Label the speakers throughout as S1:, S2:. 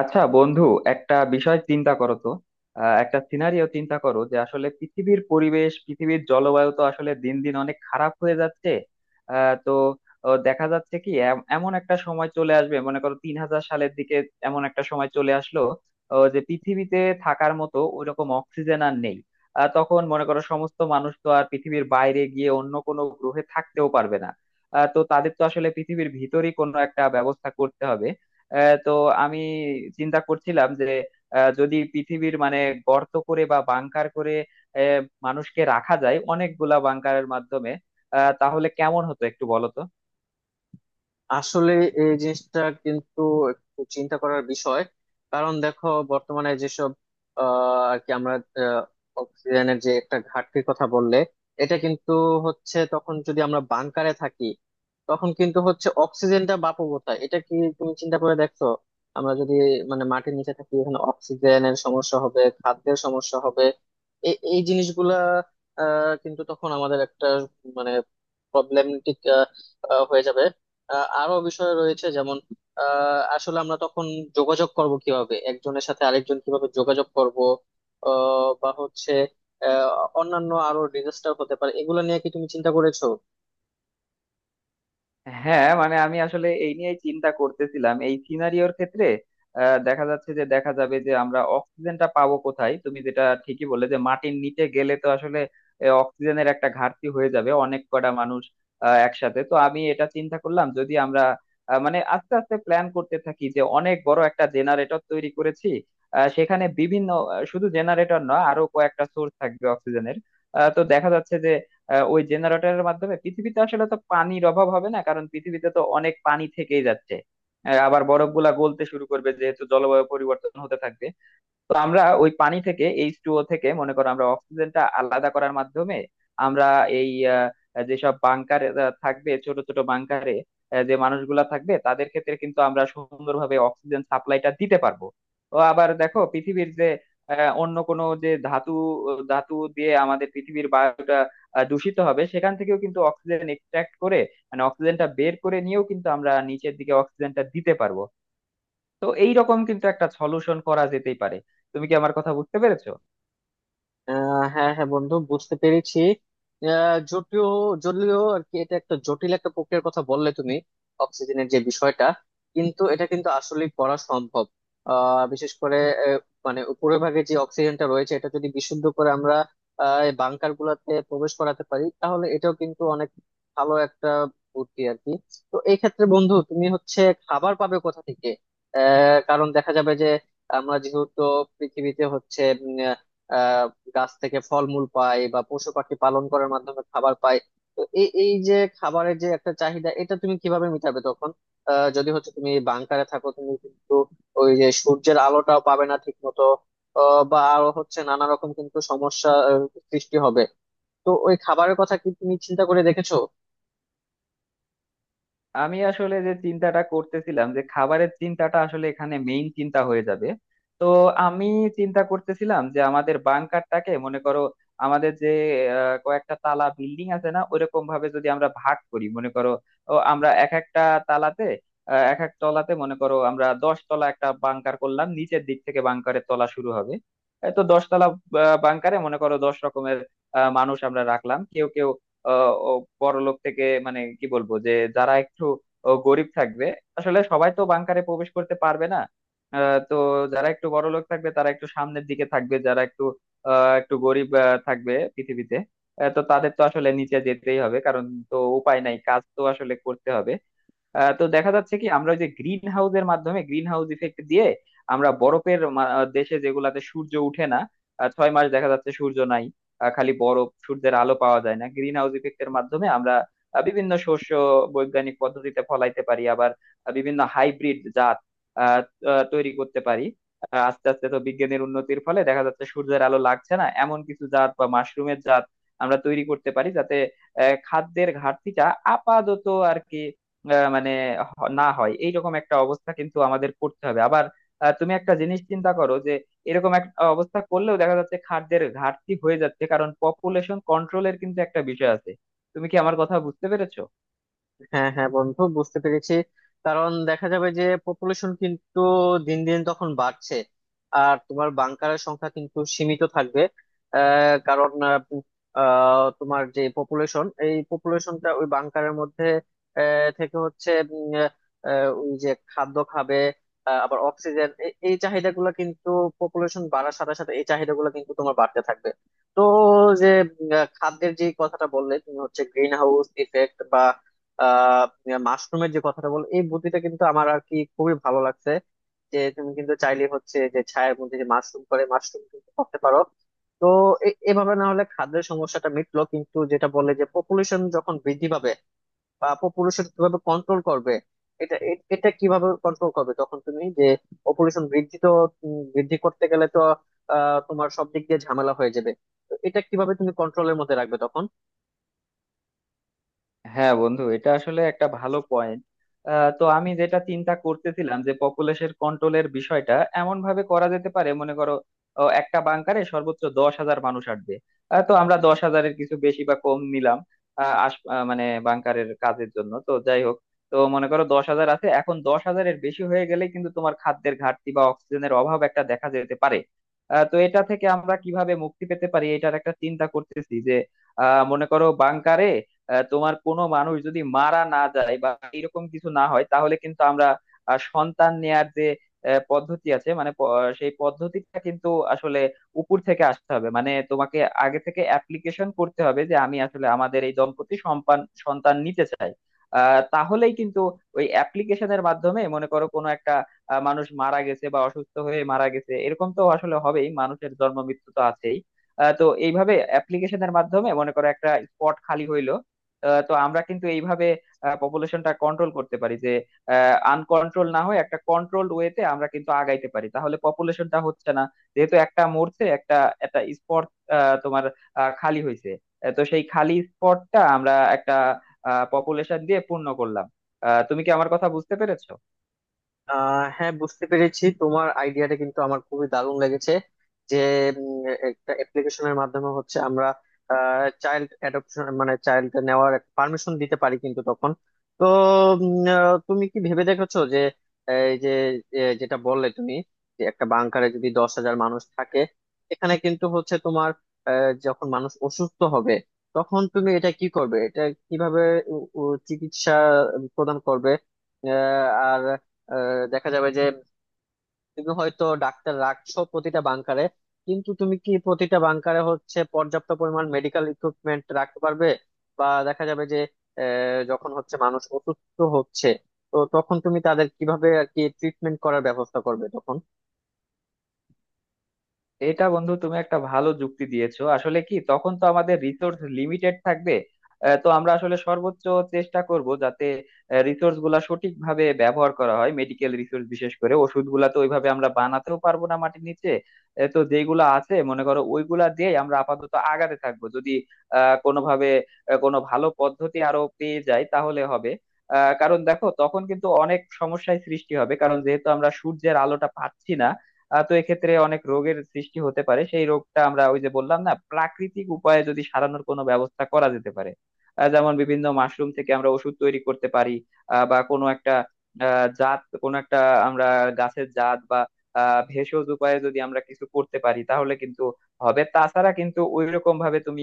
S1: আচ্ছা বন্ধু, একটা বিষয় চিন্তা করো তো। একটা সিনারিও চিন্তা করো যে আসলে পৃথিবীর পরিবেশ, পৃথিবীর জলবায়ু তো আসলে দিন দিন অনেক খারাপ হয়ে যাচ্ছে। আহ, তো দেখা যাচ্ছে কি এমন একটা সময় চলে আসবে, মনে করো 3000 সালের দিকে এমন একটা সময় চলে আসলো যে পৃথিবীতে থাকার মতো ওইরকম অক্সিজেন আর নেই। তখন মনে করো সমস্ত মানুষ তো আর পৃথিবীর বাইরে গিয়ে অন্য কোনো গ্রহে থাকতেও পারবে না। তো তাদের তো আসলে পৃথিবীর ভিতরেই কোনো একটা ব্যবস্থা করতে হবে। আহ, তো আমি চিন্তা করছিলাম যে যদি পৃথিবীর মানে গর্ত করে বা বাংকার করে আহ, মানুষকে রাখা যায় অনেকগুলা বাংকারের মাধ্যমে, তাহলে কেমন হতো একটু বলো তো।
S2: আসলে এই জিনিসটা কিন্তু একটু চিন্তা করার বিষয়। কারণ দেখো, বর্তমানে যেসব আহ, আর কি আমরা আহ, অক্সিজেনের যে একটা ঘাটতির কথা বললে, এটা কিন্তু হচ্ছে তখন যদি আমরা বাংকারে থাকি, তখন কিন্তু হচ্ছে অক্সিজেনটা বাপু কোথায়, এটা কি তুমি চিন্তা করে দেখছো? আমরা যদি মানে মাটির নিচে থাকি, এখানে অক্সিজেনের সমস্যা হবে, খাদ্যের সমস্যা হবে। এই জিনিসগুলা কিন্তু তখন আমাদের একটা মানে প্রবলেমেটিক হয়ে যাবে। আরো বিষয় রয়েছে, যেমন আসলে আমরা তখন যোগাযোগ করব কিভাবে, একজনের সাথে আরেকজন কিভাবে যোগাযোগ করব? আহ, বা হচ্ছে আহ, অন্যান্য আরো ডিজাস্টার হতে পারে, এগুলো নিয়ে কি তুমি চিন্তা করেছো?
S1: হ্যাঁ মানে আমি আসলে এই নিয়েই চিন্তা করতেছিলাম এই সিনারিওর ক্ষেত্রে। দেখা যাচ্ছে যে দেখা যাবে যে আমরা অক্সিজেনটা পাবো কোথায়, তুমি যেটা ঠিকই বললে যে মাটির নিচে গেলে তো আসলে অক্সিজেনের একটা ঘাটতি হয়ে যাবে অনেক কটা মানুষ একসাথে। তো আমি এটা চিন্তা করলাম যদি আমরা মানে আস্তে আস্তে প্ল্যান করতে থাকি যে অনেক বড় একটা জেনারেটর তৈরি করেছি, সেখানে বিভিন্ন শুধু জেনারেটর নয় আরো কয়েকটা সোর্স থাকবে অক্সিজেনের। তো দেখা যাচ্ছে যে ওই জেনারেটরের মাধ্যমে পৃথিবীতে আসলে তো পানির অভাব হবে না, কারণ পৃথিবীতে তো অনেক পানি থেকেই যাচ্ছে। আবার বরফ গুলা গলতে শুরু করবে, যেহেতু জলবায়ু পরিবর্তন হতে থাকবে। তো আমরা ওই পানি থেকে, এইচ টু ও থেকে মনে করো আমরা অক্সিজেনটা আলাদা করার মাধ্যমে আমরা এই আহ, যেসব বাংকারে থাকবে, ছোট ছোট বাংকারে যে মানুষগুলা থাকবে তাদের ক্ষেত্রে কিন্তু আমরা সুন্দরভাবে অক্সিজেন সাপ্লাইটা দিতে পারবো। ও আবার দেখো পৃথিবীর যে অন্য কোনো যে ধাতু ধাতু দিয়ে আমাদের পৃথিবীর বায়ুটা দূষিত হবে, সেখান থেকেও কিন্তু অক্সিজেন এক্সট্রাক্ট করে, মানে অক্সিজেনটা বের করে নিয়েও কিন্তু আমরা নিচের দিকে অক্সিজেনটা দিতে পারবো। তো এই রকম কিন্তু একটা সলিউশন করা যেতেই পারে। তুমি কি আমার কথা বুঝতে পেরেছো?
S2: হ্যাঁ হ্যাঁ বন্ধু, বুঝতে পেরেছি। জটিল, জটিল আর কি, এটা একটা জটিল একটা প্রক্রিয়ার কথা বললে তুমি। অক্সিজেনের যে বিষয়টা, কিন্তু এটা কিন্তু আসলে করা সম্ভব। বিশেষ করে আহ, মানে উপরের ভাগে যে অক্সিজেনটা রয়েছে, এটা যদি বিশুদ্ধ করে আমরা বাংকার গুলাতে প্রবেশ করাতে পারি, তাহলে এটাও কিন্তু অনেক ভালো একটা বুদ্ধি আর কি। তো এই ক্ষেত্রে বন্ধু, তুমি হচ্ছে খাবার পাবে কোথা থেকে? কারণ দেখা যাবে যে আমরা যেহেতু পৃথিবীতে হচ্ছে আহ গাছ থেকে ফলমূল পায় বা পশু পাখি পালন করার মাধ্যমে খাবার পায়। তো এই এই যে খাবারের যে একটা চাহিদা, এটা তুমি কিভাবে মিটাবে তখন? যদি হচ্ছে তুমি বাংকারে থাকো, তুমি কিন্তু ওই যে সূর্যের আলোটাও পাবে না ঠিক মতো। বা আরো হচ্ছে নানা রকম কিন্তু সমস্যা সৃষ্টি হবে। তো ওই খাবারের কথা কি তুমি চিন্তা করে দেখেছো?
S1: আমি আসলে যে চিন্তাটা করতেছিলাম যে খাবারের চিন্তাটা আসলে এখানে মেইন চিন্তা হয়ে যাবে। তো আমি চিন্তা করতেছিলাম যে আমাদের বাংকারটাকে মনে করো আমাদের যে কয়েকটা তালা বিল্ডিং আছে না, ওইরকম ভাবে যদি আমরা ভাগ করি মনে করো, আমরা এক একটা তালাতে এক এক তলাতে মনে করো আমরা 10 তলা একটা বাংকার করলাম, নিচের দিক থেকে বাংকারের তলা শুরু হবে। এই তো 10 তলা বাংকারে মনে করো 10 রকমের মানুষ আমরা রাখলাম। কেউ কেউ আহ ও বড়লোক, থেকে মানে কি বলবো যে যারা একটু গরিব থাকবে। আসলে সবাই তো বাংকারে প্রবেশ করতে পারবে না। তো যারা একটু বড়লোক থাকবে তারা একটু সামনের দিকে থাকবে, যারা একটু একটু গরিব থাকবে পৃথিবীতে, তো তাদের তো আসলে নিচে যেতেই হবে, কারণ তো উপায় নাই, কাজ তো আসলে করতে হবে। তো দেখা যাচ্ছে কি আমরা ওই যে গ্রিন হাউসের মাধ্যমে, গ্রিন হাউস ইফেক্ট দিয়ে আমরা দেশে যেগুলাতে সূর্য উঠে না, 6 মাস দেখা যাচ্ছে সূর্য নাই, খালি বরফ, সূর্যের আলো পাওয়া যায় না, গ্রিন হাউস ইফেক্টের মাধ্যমে আমরা বিভিন্ন শস্য বৈজ্ঞানিক পদ্ধতিতে ফলাইতে পারি। আবার বিভিন্ন হাইব্রিড জাত আহ, আহ, তৈরি করতে পারি। আস্তে আস্তে তো বিজ্ঞানের উন্নতির ফলে দেখা যাচ্ছে সূর্যের আলো লাগছে না এমন কিছু জাত বা মাশরুমের জাত আমরা তৈরি করতে পারি, যাতে খাদ্যের ঘাটতিটা আপাতত আর কি আহ মানে না হয়। এইরকম একটা অবস্থা কিন্তু আমাদের করতে হবে। আবার তুমি একটা জিনিস চিন্তা করো যে এরকম একটা অবস্থা করলেও দেখা যাচ্ছে খাদ্যের ঘাটতি হয়ে যাচ্ছে, কারণ পপুলেশন কন্ট্রোলের কিন্তু একটা বিষয় আছে। তুমি কি আমার কথা বুঝতে পেরেছো?
S2: হ্যাঁ হ্যাঁ বন্ধু, বুঝতে পেরেছি। কারণ দেখা যাবে যে পপুলেশন কিন্তু দিন দিন তখন বাড়ছে, আর তোমার বাংকারের সংখ্যা কিন্তু সীমিত থাকবে। আহ, কারণ আহ, আহ, তোমার যে পপুলেশন, এই পপুলেশনটা ওই বাংকারের মধ্যে থেকে হচ্ছে ওই যে খাদ্য খাবে, আবার অক্সিজেন, এই চাহিদাগুলো কিন্তু পপুলেশন বাড়ার সাথে সাথে এই চাহিদাগুলো কিন্তু তোমার বাড়তে থাকবে। তো যে খাদ্যের যে কথাটা বললে তুমি হচ্ছে গ্রিন হাউস ইফেক্ট, আহ মাশরুমের যে কথাটা বল, এই বুদ্ধিটা কিন্তু আমার আর কি খুবই ভালো লাগছে। যে তুমি কিন্তু চাইলে হচ্ছে, যে ছায়ের মধ্যে যে মাশরুম করে, মাশরুম কিন্তু করতে পারো। তো এভাবে না হলে খাদ্যের সমস্যাটা মিটলো, কিন্তু যেটা বললে যে পপুলেশন যখন বৃদ্ধি পাবে, বা পপুলেশন কিভাবে কন্ট্রোল করবে, এটা এটা কিভাবে কন্ট্রোল করবে তখন তুমি? যে পপুলেশন বৃদ্ধি তো বৃদ্ধি করতে গেলে তো তোমার সব দিক দিয়ে ঝামেলা হয়ে যাবে। তো এটা কিভাবে তুমি কন্ট্রোলের মধ্যে রাখবে তখন?
S1: হ্যাঁ বন্ধু, এটা আসলে একটা ভালো পয়েন্ট। তো আমি যেটা চিন্তা করতেছিলাম যে পপুলেশন কন্ট্রোলের বিষয়টা এমন ভাবে করা যেতে পারে, মনে করো একটা বাংকারে সর্বোচ্চ 10,000 মানুষ আসবে। তো আমরা 10,000-এর কিছু বেশি বা কম নিলাম, মানে বাংকারের কাজের জন্য তো যাই হোক। তো মনে করো 10,000 আছে, এখন 10,000-এর বেশি হয়ে গেলে কিন্তু তোমার খাদ্যের ঘাটতি বা অক্সিজেনের অভাব একটা দেখা যেতে পারে। তো এটা থেকে আমরা কিভাবে মুক্তি পেতে পারি, এটার একটা চিন্তা করতেছি যে মনে করো বাংকারে তোমার কোনো মানুষ যদি মারা না যায় বা এরকম কিছু না হয়, তাহলে কিন্তু আমরা সন্তান নেয়ার যে পদ্ধতি আছে, সেই পদ্ধতিটা কিন্তু আসলে উপর থেকে আসতে হবে। মানে তোমাকে আগে থেকে অ্যাপ্লিকেশন করতে হবে যে আমি আসলে আমাদের এই দম্পতি সম্পান সন্তান নিতে চাই। তাহলেই কিন্তু ওই অ্যাপ্লিকেশনের মাধ্যমে মনে করো কোনো একটা মানুষ মারা গেছে বা অসুস্থ হয়ে মারা গেছে, এরকম তো আসলে হবেই, মানুষের জন্ম মৃত্যু তো আছেই। তো এইভাবে অ্যাপ্লিকেশনের মাধ্যমে মনে করো একটা স্পট খালি হইলো। তো আমরা কিন্তু এইভাবে পপুলেশনটা কন্ট্রোল করতে পারি যে আনকন্ট্রোল না হয়ে একটা কন্ট্রোলড ওয়েতে আমরা কিন্তু আগাইতে পারি, তাহলে পপুলেশনটা হচ্ছে না। যেহেতু একটা মরছে, একটা একটা স্পট তোমার খালি হয়েছে, তো সেই খালি স্পটটা আমরা একটা পপুলেশন দিয়ে পূর্ণ করলাম। তুমি কি আমার কথা বুঝতে পেরেছো?
S2: হ্যাঁ, বুঝতে পেরেছি। তোমার আইডিয়াটা কিন্তু আমার খুবই দারুণ লেগেছে। যে একটা অ্যাপ্লিকেশনের মাধ্যমে হচ্ছে আমরা চাইল্ড অ্যাডপশন মানে চাইল্ড নেওয়ার পারমিশন দিতে পারি কিন্তু তখন। তো তুমি কি ভেবে দেখেছো যে এই যে যেটা বললে তুমি, যে একটা বাংকারে যদি 10,000 মানুষ থাকে, এখানে কিন্তু হচ্ছে তোমার যখন মানুষ অসুস্থ হবে, তখন তুমি এটা কি করবে, এটা কিভাবে চিকিৎসা প্রদান করবে? আহ, আর দেখা যাবে যে তুমি হয়তো ডাক্তার রাখছো প্রতিটা বাংকারে, কিন্তু তুমি কি প্রতিটা বাংকারে হচ্ছে পর্যাপ্ত পরিমাণ মেডিকেল ইকুইপমেন্ট রাখতে পারবে? বা দেখা যাবে যে যখন হচ্ছে মানুষ অসুস্থ হচ্ছে, তো তখন তুমি তাদের কিভাবে আর কি ট্রিটমেন্ট করার ব্যবস্থা করবে তখন?
S1: এটা বন্ধু তুমি একটা ভালো যুক্তি দিয়েছো। আসলে কি, তখন তো আমাদের রিসোর্স লিমিটেড থাকবে। তো আমরা আসলে সর্বোচ্চ চেষ্টা করব যাতে রিসোর্স গুলা সঠিকভাবে ব্যবহার করা হয়, মেডিকেল রিসোর্স বিশেষ করে। ওষুধ গুলা তো ওইভাবে আমরা বানাতেও পারবো না মাটির নিচে। তো যেগুলো আছে মনে করো ওইগুলা দিয়ে আমরা আপাতত আগাতে থাকবো, যদি কোনোভাবে কোনো ভালো পদ্ধতি আরো পেয়ে যাই তাহলে হবে। কারণ দেখো তখন কিন্তু অনেক সমস্যায় সৃষ্টি হবে, কারণ যেহেতু আমরা সূর্যের আলোটা পাচ্ছি না। তো এক্ষেত্রে অনেক রোগের সৃষ্টি হতে পারে, সেই রোগটা আমরা ওই যে বললাম না, প্রাকৃতিক উপায়ে যদি সারানোর কোনো ব্যবস্থা করা যেতে পারে, যেমন বিভিন্ন মাশরুম থেকে আমরা ওষুধ তৈরি করতে পারি, বা কোনো একটা আহ, জাত কোনো একটা আমরা গাছের জাত বা ভেষজ উপায়ে যদি আমরা কিছু করতে পারি তাহলে কিন্তু হবে। তাছাড়া কিন্তু ওই রকম ভাবে তুমি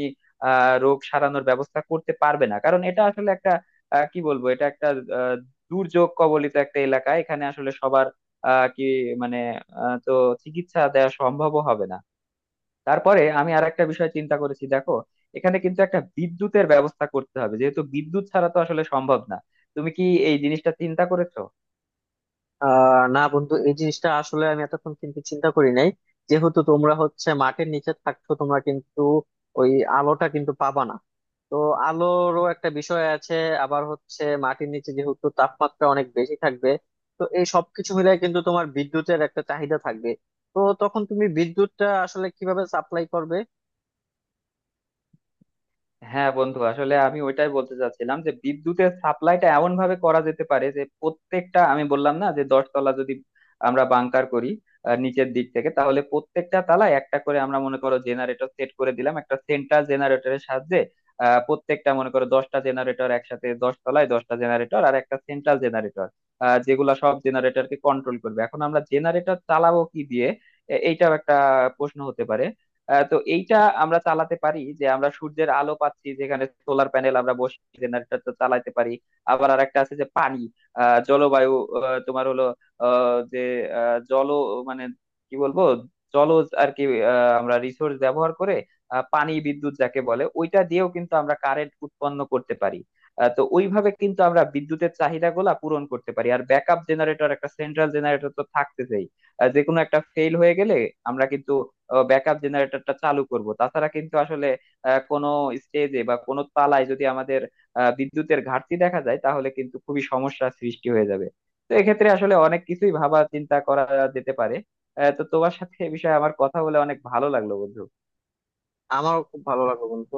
S1: রোগ সারানোর ব্যবস্থা করতে পারবে না, কারণ এটা আসলে একটা আহ, কি বলবো এটা একটা আহ, দুর্যোগ কবলিত একটা এলাকা। এখানে আসলে সবার আহ, কি মানে আহ, তো চিকিৎসা দেওয়া সম্ভব হবে না। তারপরে আমি আর একটা বিষয় চিন্তা করেছি, দেখো এখানে কিন্তু একটা বিদ্যুতের ব্যবস্থা করতে হবে, যেহেতু বিদ্যুৎ ছাড়া তো আসলে সম্ভব না। তুমি কি এই জিনিসটা চিন্তা করেছো?
S2: না বন্ধু, এই জিনিসটা আসলে আমি এতক্ষণ কিন্তু চিন্তা করি নাই। যেহেতু তোমরা হচ্ছে মাটির নিচে থাকছো, তোমরা কিন্তু ওই আলোটা কিন্তু পাবা না। তো আলোরও একটা বিষয় আছে। আবার হচ্ছে মাটির নিচে যেহেতু তাপমাত্রা অনেক বেশি থাকবে, তো এই সবকিছু মিলে কিন্তু তোমার বিদ্যুতের একটা চাহিদা থাকবে। তো তখন তুমি বিদ্যুৎটা আসলে কিভাবে সাপ্লাই করবে?
S1: হ্যাঁ বন্ধু, আসলে আমি ওইটাই বলতে চাচ্ছিলাম যে বিদ্যুতের সাপ্লাইটা এমন ভাবে করা যেতে পারে যে প্রত্যেকটা, আমি বললাম না যে দশতলা যদি আমরা বাংকার করি, নিচের দিক থেকে, তাহলে প্রত্যেকটা তলায় একটা করে আমরা মনে করো জেনারেটর সেট করে দিলাম একটা সেন্ট্রাল জেনারেটরের সাহায্যে। প্রত্যেকটা মনে করো 10টা জেনারেটর একসাথে, 10 তলায় 10টা জেনারেটর আর একটা সেন্ট্রাল জেনারেটর, যেগুলা সব জেনারেটরকে কন্ট্রোল করবে। এখন আমরা জেনারেটর চালাবো কি দিয়ে, এইটাও একটা প্রশ্ন হতে পারে। তো এইটা আমরা চালাতে পারি যে আমরা সূর্যের আলো পাচ্ছি যেখানে, সোলার প্যানেল আমরা বসিয়ে জেনারেটর তো চালাতে পারি। আবার আর একটা আছে যে পানি, আহ, জলবায়ু আহ, তোমার হলো আহ, যে আহ, জল মানে কি বলবো জলজ আর কি, আমরা রিসোর্স ব্যবহার করে পানি বিদ্যুৎ যাকে বলে ওইটা দিয়েও কিন্তু আমরা কারেন্ট উৎপন্ন করতে পারি। তো ওইভাবে কিন্তু আমরা বিদ্যুতের চাহিদাগুলা পূরণ করতে পারি, আর ব্যাকআপ জেনারেটর একটা সেন্ট্রাল জেনারেটর তো থাকতেছেই, যে কোনো একটা ফেল হয়ে গেলে আমরা কিন্তু ব্যাকআপ জেনারেটরটা চালু করব। তাছাড়া কিন্তু আসলে কোনো স্টেজে বা কোনো তালায় যদি আমাদের বিদ্যুতের ঘাটতি দেখা যায়, তাহলে কিন্তু খুবই সমস্যার সৃষ্টি হয়ে যাবে। তো এক্ষেত্রে আসলে অনেক কিছুই ভাবা চিন্তা করা যেতে পারে। তো তোমার সাথে এ বিষয়ে আমার কথা বলে অনেক ভালো লাগলো বন্ধু।
S2: আমার খুব ভালো লাগলো বন্ধু।